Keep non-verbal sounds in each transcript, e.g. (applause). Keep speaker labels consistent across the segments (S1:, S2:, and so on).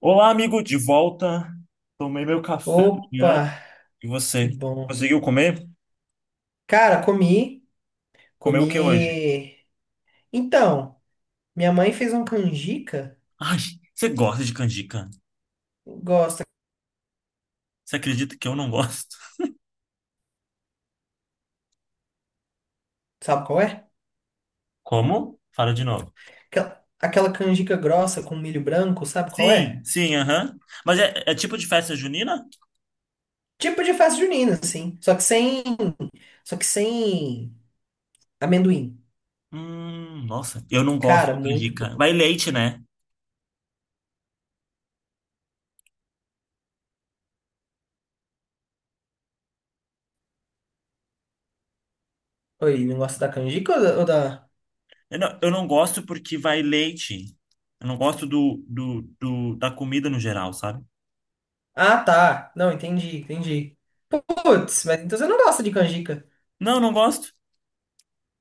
S1: Olá, amigo, de volta. Tomei meu café da
S2: Opa,
S1: manhã. E
S2: que
S1: você?
S2: bom.
S1: Conseguiu comer?
S2: Cara, comi,
S1: Comeu o que hoje?
S2: comi. Então, minha mãe fez uma canjica,
S1: Ai, você gosta de canjica?
S2: gosta,
S1: Você acredita que eu não gosto?
S2: sabe qual é?
S1: Como? Fala de novo.
S2: Aquela, aquela canjica grossa com milho branco, sabe qual
S1: Sim,
S2: é?
S1: sim, aham. Mas é tipo de festa junina?
S2: Tipo de festa junina, assim, só que sem amendoim.
S1: Nossa, eu não gosto
S2: Cara,
S1: de
S2: muito bom.
S1: canjica. Vai leite, né?
S2: Oi, não gosta da canjica ou da-
S1: Eu não gosto porque vai leite. Eu não gosto da comida no geral, sabe?
S2: Ah, tá. Não, entendi, entendi. Putz, mas então você não gosta de canjica.
S1: Não, não gosto.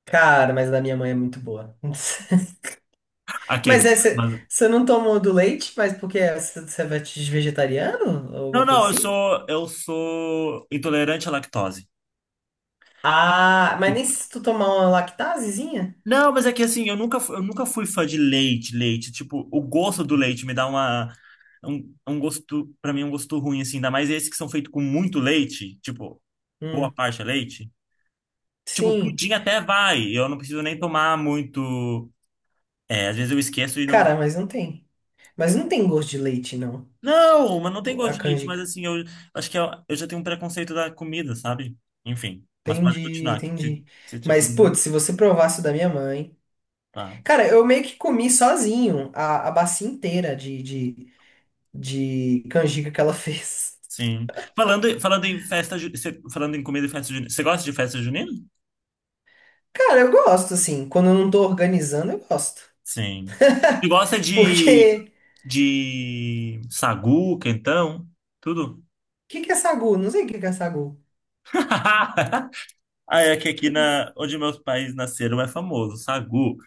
S2: Cara, mas a da minha mãe é muito boa. (laughs) Mas
S1: Aquele.
S2: é, você
S1: Mas,
S2: você não tomou do leite, mas porque é você é vegetariano ou
S1: não,
S2: alguma coisa
S1: não, eu
S2: assim?
S1: sou, eu sou intolerante à lactose.
S2: Ah, mas
S1: E-
S2: nem se tu tomar uma lactasezinha?
S1: Não, mas é que assim, eu nunca fui fã de leite, leite. Tipo, o gosto do leite me dá um gosto, pra mim, é um gosto ruim, assim. Ainda mais esses que são feitos com muito leite, tipo, boa
S2: Hum,
S1: parte é leite. Tipo,
S2: sim.
S1: pudim até vai, eu não preciso nem tomar muito. É, às vezes eu esqueço e não.
S2: Cara, mas não tem. Mas não tem gosto de leite, não.
S1: Não, mas não tem
S2: A
S1: gosto de leite, mas
S2: canjica.
S1: assim, eu acho que eu já tenho um preconceito da comida, sabe? Enfim, mas pode
S2: Entendi,
S1: continuar, que se,
S2: entendi.
S1: se tinha
S2: Mas,
S1: comido.
S2: putz, se você provasse o da minha mãe.
S1: Tá.
S2: Cara, eu meio que comi sozinho a bacia inteira de canjica que ela (laughs) fez.
S1: Sim. Falando em comida e festa junina, você gosta de festa junina?
S2: Cara, eu gosto, assim. Quando eu não tô organizando, eu gosto.
S1: Sim. Você gosta de,
S2: Porque.
S1: de sagu, quentão, tudo?
S2: Que é sagu? Não sei o que que é sagu.
S1: (laughs) Ah, é que aqui, onde meus pais nasceram é famoso, sagu.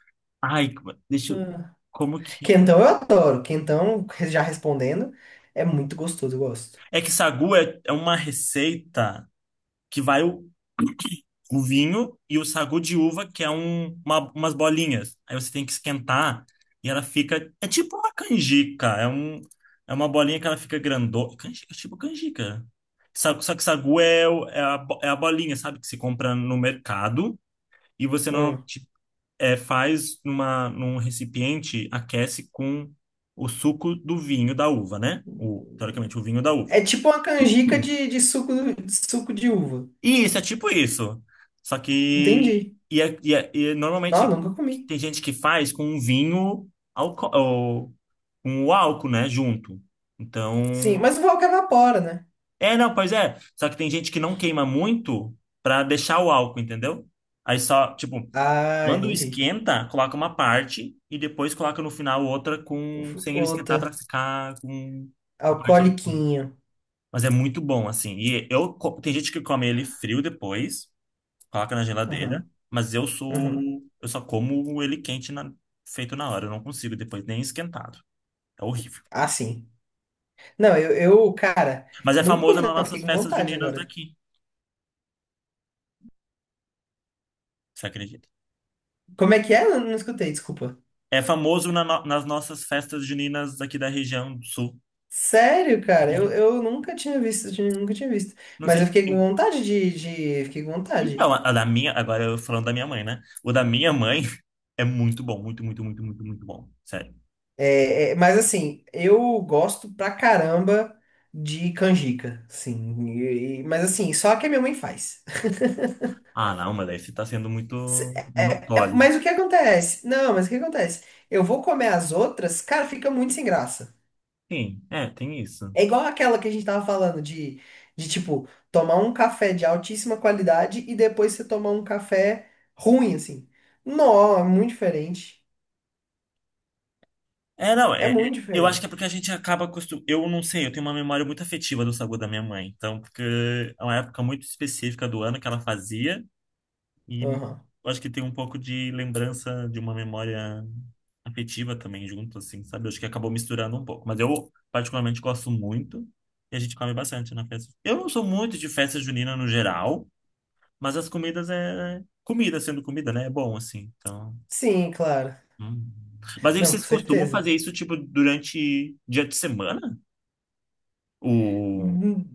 S1: Ai, deixa eu,
S2: Ah.
S1: como que...
S2: Quentão eu adoro. Quentão, já respondendo, é muito gostoso, eu gosto.
S1: É que sagu é uma receita que vai o vinho e o sagu de uva, que é umas bolinhas. Aí você tem que esquentar e ela fica. É tipo uma canjica. É uma bolinha que ela fica grandona. Canjica, tipo canjica. Só que sagu é a bolinha, sabe? Que se compra no mercado e você
S2: Ah.
S1: normalmente faz num recipiente, aquece com o suco do vinho da uva, né? Teoricamente, o vinho da uva.
S2: É tipo uma canjica de suco, de suco de uva.
S1: Isso, é tipo isso. Só que.
S2: Entendi.
S1: E
S2: Não,
S1: normalmente
S2: eu nunca comi.
S1: tem gente que faz com um vinho alco ou, com o álcool, né? Junto. Então.
S2: Sim, mas o álcool evapora, né?
S1: É, não, pois é. Só que tem gente que não queima muito pra deixar o álcool, entendeu? Aí só, tipo,
S2: Ah,
S1: quando
S2: entendi.
S1: esquenta, coloca uma parte e depois coloca no final outra
S2: Uf,
S1: sem ele esquentar pra
S2: outra.
S1: ficar com a parte alcoólica.
S2: Alcooliquinho.
S1: Mas é muito bom, assim. Tem gente que come ele frio depois. Coloca na geladeira,
S2: Aham,
S1: mas
S2: aham.
S1: eu só como ele quente, feito na hora, eu não consigo depois nem esquentado. É horrível.
S2: Ah, sim. Não, eu, cara,
S1: Mas é
S2: eu nunca
S1: famoso
S2: comi,
S1: nas
S2: não.
S1: nossas
S2: Fiquei com
S1: festas
S2: vontade
S1: juninas
S2: agora.
S1: daqui, você acredita?
S2: Como é que é? Eu não escutei, desculpa.
S1: É famoso na no- nas nossas festas juninas daqui da região do sul.
S2: Sério, cara, eu nunca tinha visto, nunca tinha visto.
S1: Não
S2: Mas
S1: sei
S2: eu fiquei com
S1: se.
S2: vontade fiquei com vontade.
S1: Então, agora eu falando da minha mãe, né? O da minha mãe (laughs) é muito bom, muito, muito, muito, muito, muito bom. Sério.
S2: É, é, mas assim, eu gosto pra caramba de canjica, sim. Mas assim, só que a minha mãe faz.
S1: Ah, não, mas aí você tá sendo muito monopólio.
S2: Mas o que acontece? Não, mas o que acontece? Eu vou comer as outras, cara, fica muito sem graça.
S1: Sim, é, tem isso.
S2: É igual aquela que a gente tava falando de tipo, tomar um café de altíssima qualidade e depois você tomar um café ruim, assim. Não, é muito diferente.
S1: É, não,
S2: É muito
S1: eu acho que é
S2: diferente.
S1: porque a gente acaba acostum... Eu não sei, eu tenho uma memória muito afetiva do sagu da minha mãe. Então, porque é uma época muito específica do ano que ela fazia e
S2: Aham.
S1: eu acho que tem um pouco de lembrança de uma memória afetiva também junto, assim, sabe? Eu acho que acabou misturando um pouco. Mas eu particularmente gosto muito e a gente come bastante na festa. Eu não sou muito de festa junina no geral, mas as comidas é... Comida sendo comida, né? É bom, assim, então...
S2: Sim, claro.
S1: Hum. Mas aí
S2: Não, com
S1: vocês costumam
S2: certeza.
S1: fazer isso, tipo, durante dia de semana? O...
S2: Hum,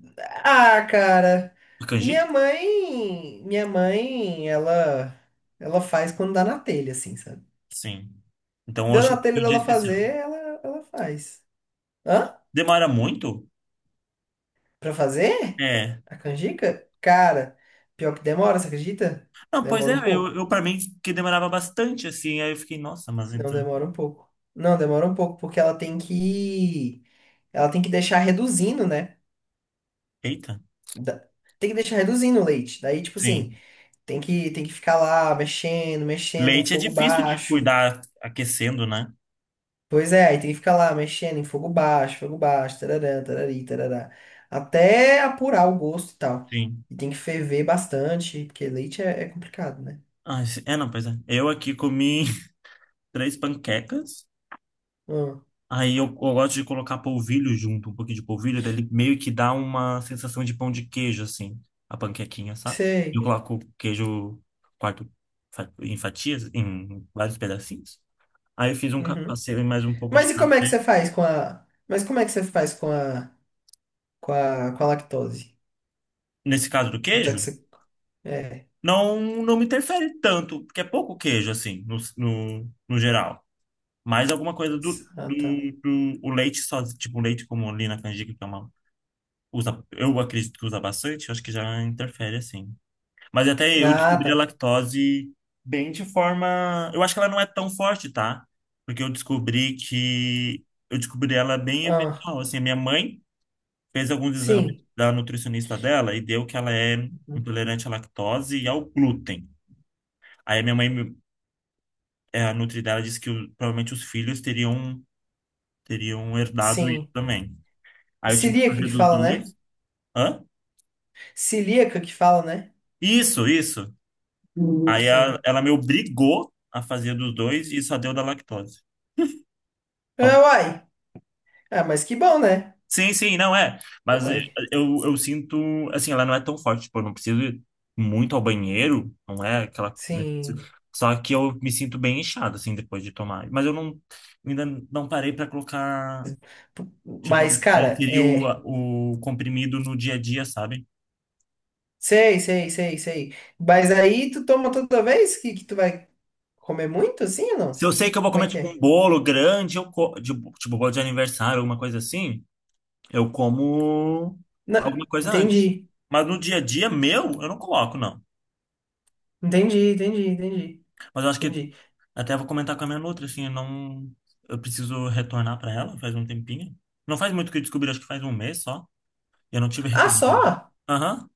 S2: Ah, cara.
S1: A
S2: Minha
S1: canjica?
S2: mãe, minha mãe, ela faz quando dá na telha, assim, sabe?
S1: Sim. Então
S2: Deu
S1: hoje
S2: na
S1: é
S2: telha
S1: um dia
S2: dela
S1: especial.
S2: fazer, ela faz. Hã?
S1: Demora muito?
S2: Pra fazer?
S1: É.
S2: A canjica? Cara, pior que demora, você acredita?
S1: Não, pois
S2: Demora
S1: é,
S2: um
S1: eu,
S2: pouco.
S1: eu para mim que demorava bastante, assim, aí eu fiquei, nossa, mas
S2: Não
S1: então.
S2: demora um pouco. Não, demora um pouco, porque ela tem que. Ela tem que deixar reduzindo, né?
S1: Eita.
S2: Da- Tem que deixar reduzindo o leite. Daí, tipo assim,
S1: Sim.
S2: tem que ficar lá mexendo, mexendo em
S1: Leite é
S2: fogo
S1: difícil de
S2: baixo.
S1: cuidar aquecendo, né?
S2: Pois é, aí tem que ficar lá mexendo em fogo baixo, tararã, tarari, tarará. Até apurar o gosto e tal.
S1: Sim.
S2: E tem que ferver bastante, porque leite é, é complicado, né?
S1: Ah, é, não, pois é. Eu aqui comi (laughs) três panquecas.
S2: Hum,
S1: Aí eu gosto de colocar polvilho junto, um pouquinho de polvilho, daí ele meio que dá uma sensação de pão de queijo, assim, a panquequinha, sabe? Eu
S2: sei.
S1: coloco queijo quarto em fatias, em vários pedacinhos. Aí eu
S2: Uhum.
S1: passei mais um pouco de
S2: Mas e como é que
S1: café.
S2: você faz com a. Mas como é que você faz com a. Com a, com a lactose?
S1: Nesse caso do
S2: Já que
S1: queijo,
S2: você. É.
S1: não me interfere tanto, porque é pouco queijo, assim, no geral. Mais alguma coisa
S2: Ah, tá.
S1: do, do o leite só, tipo, o leite como ali na canjica, que é uma, usa, eu acredito que usa bastante, eu acho que já interfere, assim. Mas até eu
S2: Ah,
S1: descobri a
S2: tá.
S1: lactose bem de forma. Eu acho que ela não é tão forte, tá? Porque eu descobri que. Eu descobri ela bem
S2: Ah,
S1: eventual. Assim, a minha mãe fez alguns exames
S2: sim.
S1: da nutricionista dela e deu que ela é
S2: Uhum.
S1: intolerante à lactose e ao glúten. Aí a minha mãe, a nutri dela, disse que provavelmente os filhos teriam, herdado isso
S2: Sim.
S1: também. Aí eu tive que
S2: Celíaca
S1: fazer
S2: que
S1: dos
S2: fala, né?
S1: dois. Hã?
S2: Celíaca que fala, né?
S1: Isso, isso. Aí
S2: Sim.
S1: ela me obrigou a fazer dos dois e só deu da lactose.
S2: Ah, uai. Ah, mas que bom, né?
S1: Sim, sim, não é. Mas
S2: Uai.
S1: eu sinto, assim, ela não é tão forte, tipo, eu não preciso ir muito ao banheiro, não é aquela, né.
S2: Sim.
S1: Só que eu me sinto bem inchado, assim, depois de tomar. Mas eu não, ainda não parei pra colocar, tipo,
S2: Mas,
S1: a
S2: cara,
S1: inserir
S2: é.
S1: o comprimido no dia a dia, sabe?
S2: Sei, sei, sei, sei. Mas aí tu toma toda vez que tu vai comer muito, assim ou
S1: Se
S2: não?
S1: eu sei que eu vou
S2: Como é
S1: comer,
S2: que
S1: tipo, um
S2: é?
S1: bolo grande, tipo, bolo de aniversário, alguma coisa assim, eu como
S2: Não.
S1: alguma coisa antes.
S2: Entendi.
S1: Mas no dia a dia meu, eu não coloco, não.
S2: Entendi, entendi, entendi.
S1: Mas eu acho que
S2: Entendi.
S1: até vou comentar com a minha nutra, assim, eu não... Eu preciso retornar para ela, faz um tempinho. Não faz muito que eu descobri, acho que faz um mês só. Eu não tive
S2: Ah,
S1: retorno dela.
S2: só?
S1: Aham.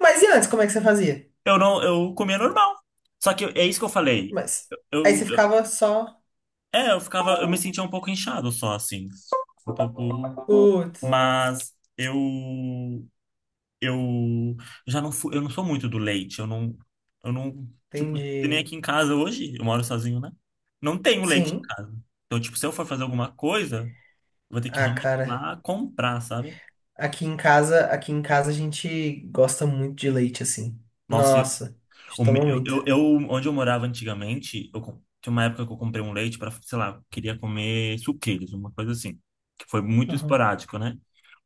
S2: Mas e antes, como é que você fazia?
S1: Eu não... Eu comia normal. Só que é isso que eu falei.
S2: Mas. Aí você
S1: Eu-
S2: ficava só.
S1: É, eu ficava... Eu me sentia um pouco inchado só, assim. Um pouco...
S2: Putz,
S1: Mas eu... Eu já não fui... Eu não sou muito do leite. Eu não... Tipo, que nem
S2: entendi.
S1: aqui em casa hoje. Eu moro sozinho, né? Não tenho leite em
S2: Sim.
S1: casa. Então, tipo, se eu for fazer alguma coisa... Vou ter que
S2: Ah,
S1: realmente ir
S2: cara.
S1: lá comprar, sabe?
S2: Aqui em casa a gente gosta muito de leite, assim.
S1: Nossa, eu,
S2: Nossa, a gente
S1: o me-
S2: toma muito.
S1: eu- onde eu morava antigamente, tinha uma época que eu comprei um leite para, sei lá, queria comer suqueiros, uma coisa assim, que foi muito
S2: Aham,
S1: esporádico, né?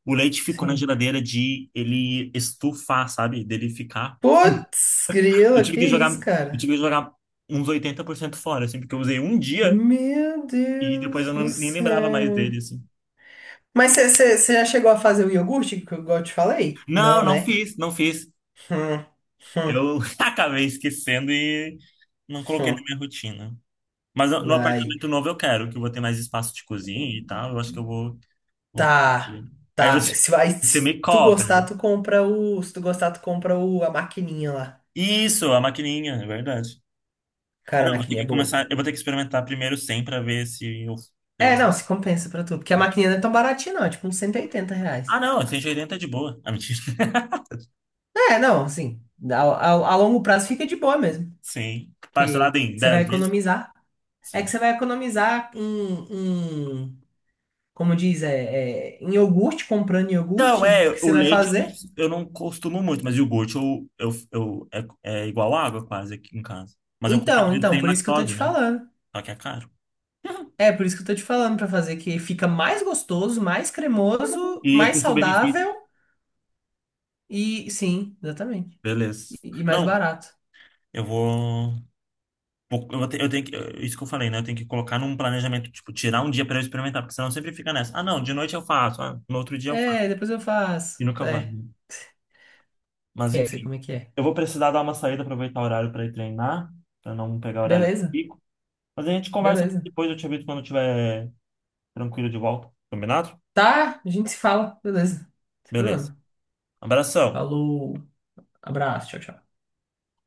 S1: O leite ficou na
S2: sim.
S1: geladeira de ele estufar, sabe? Dele ficar.
S2: Putz,
S1: Eu
S2: grila,
S1: tive
S2: que
S1: que jogar,
S2: isso,
S1: eu
S2: cara?
S1: tive que jogar uns 80% fora, assim, porque eu usei um dia
S2: Meu
S1: e depois
S2: Deus
S1: eu não,
S2: do
S1: nem lembrava mais
S2: céu.
S1: dele, assim.
S2: Mas já chegou a fazer o iogurte que eu igual eu te falei?
S1: Não,
S2: Não,
S1: não
S2: né?
S1: fiz, não fiz.
S2: Hum, hum,
S1: Eu (laughs) acabei esquecendo e não coloquei na
S2: hum.
S1: minha rotina. Mas no
S2: Ai.
S1: apartamento novo eu quero, que eu vou ter mais espaço de cozinha e tal. Eu acho que eu vou.
S2: Tá,
S1: Aí
S2: tá.
S1: você,
S2: Se vai,
S1: você
S2: se
S1: me
S2: tu gostar,
S1: cobra.
S2: tu compra o. Se tu gostar, tu compra o, a maquininha lá.
S1: Isso, a maquininha, é verdade. É,
S2: Cara, a
S1: não, eu vou ter
S2: maquininha é
S1: que
S2: boa.
S1: começar. Eu vou ter que experimentar primeiro 100 pra ver se eu.
S2: É, não, se compensa pra tu. Porque a maquininha não é tão baratinha, não. É tipo uns 180 reais.
S1: Ah, não, 180 é de boa. Ah, mentira. (laughs)
S2: É, não, assim. A longo prazo fica de boa mesmo.
S1: Sim.
S2: Porque
S1: Parcelado em
S2: você vai
S1: 10 vezes?
S2: economizar. É que
S1: Sim.
S2: você vai economizar como diz, é, é, em iogurte, comprando
S1: Então,
S2: iogurte,
S1: é,
S2: porque
S1: o
S2: você vai
S1: leite eu não,
S2: fazer.
S1: eu não costumo muito, mas o iogurte é igual água quase aqui em casa. Mas eu compro
S2: Então,
S1: aquele
S2: então,
S1: sem
S2: por isso que eu tô
S1: lactose,
S2: te
S1: né?
S2: falando.
S1: Só que é caro. (laughs)
S2: É, por isso que eu tô te falando pra fazer, que fica mais gostoso, mais cremoso,
S1: E é
S2: mais
S1: custo-benefício.
S2: saudável e sim, exatamente.
S1: Beleza.
S2: E mais
S1: Não,
S2: barato.
S1: eu eu tenho que. Isso que eu falei, né? Eu tenho que colocar num planejamento, tipo, tirar um dia para eu experimentar, porque senão sempre fica nessa. Ah, não, de noite eu faço, ah, no outro dia eu faço.
S2: É, depois eu faço.
S1: E nunca vai.
S2: É,
S1: né? Mas
S2: é, sei
S1: enfim.
S2: como é que é.
S1: Eu vou precisar dar uma saída, aproveitar o horário para ir treinar, para não pegar o horário de
S2: Beleza,
S1: pico. Mas a gente conversa mais
S2: beleza.
S1: depois, eu te aviso quando eu estiver tranquilo de volta. Combinado?
S2: Tá, a gente se fala, beleza. Sem
S1: Beleza.
S2: problema.
S1: Abração.
S2: Falou, abraço, tchau, tchau.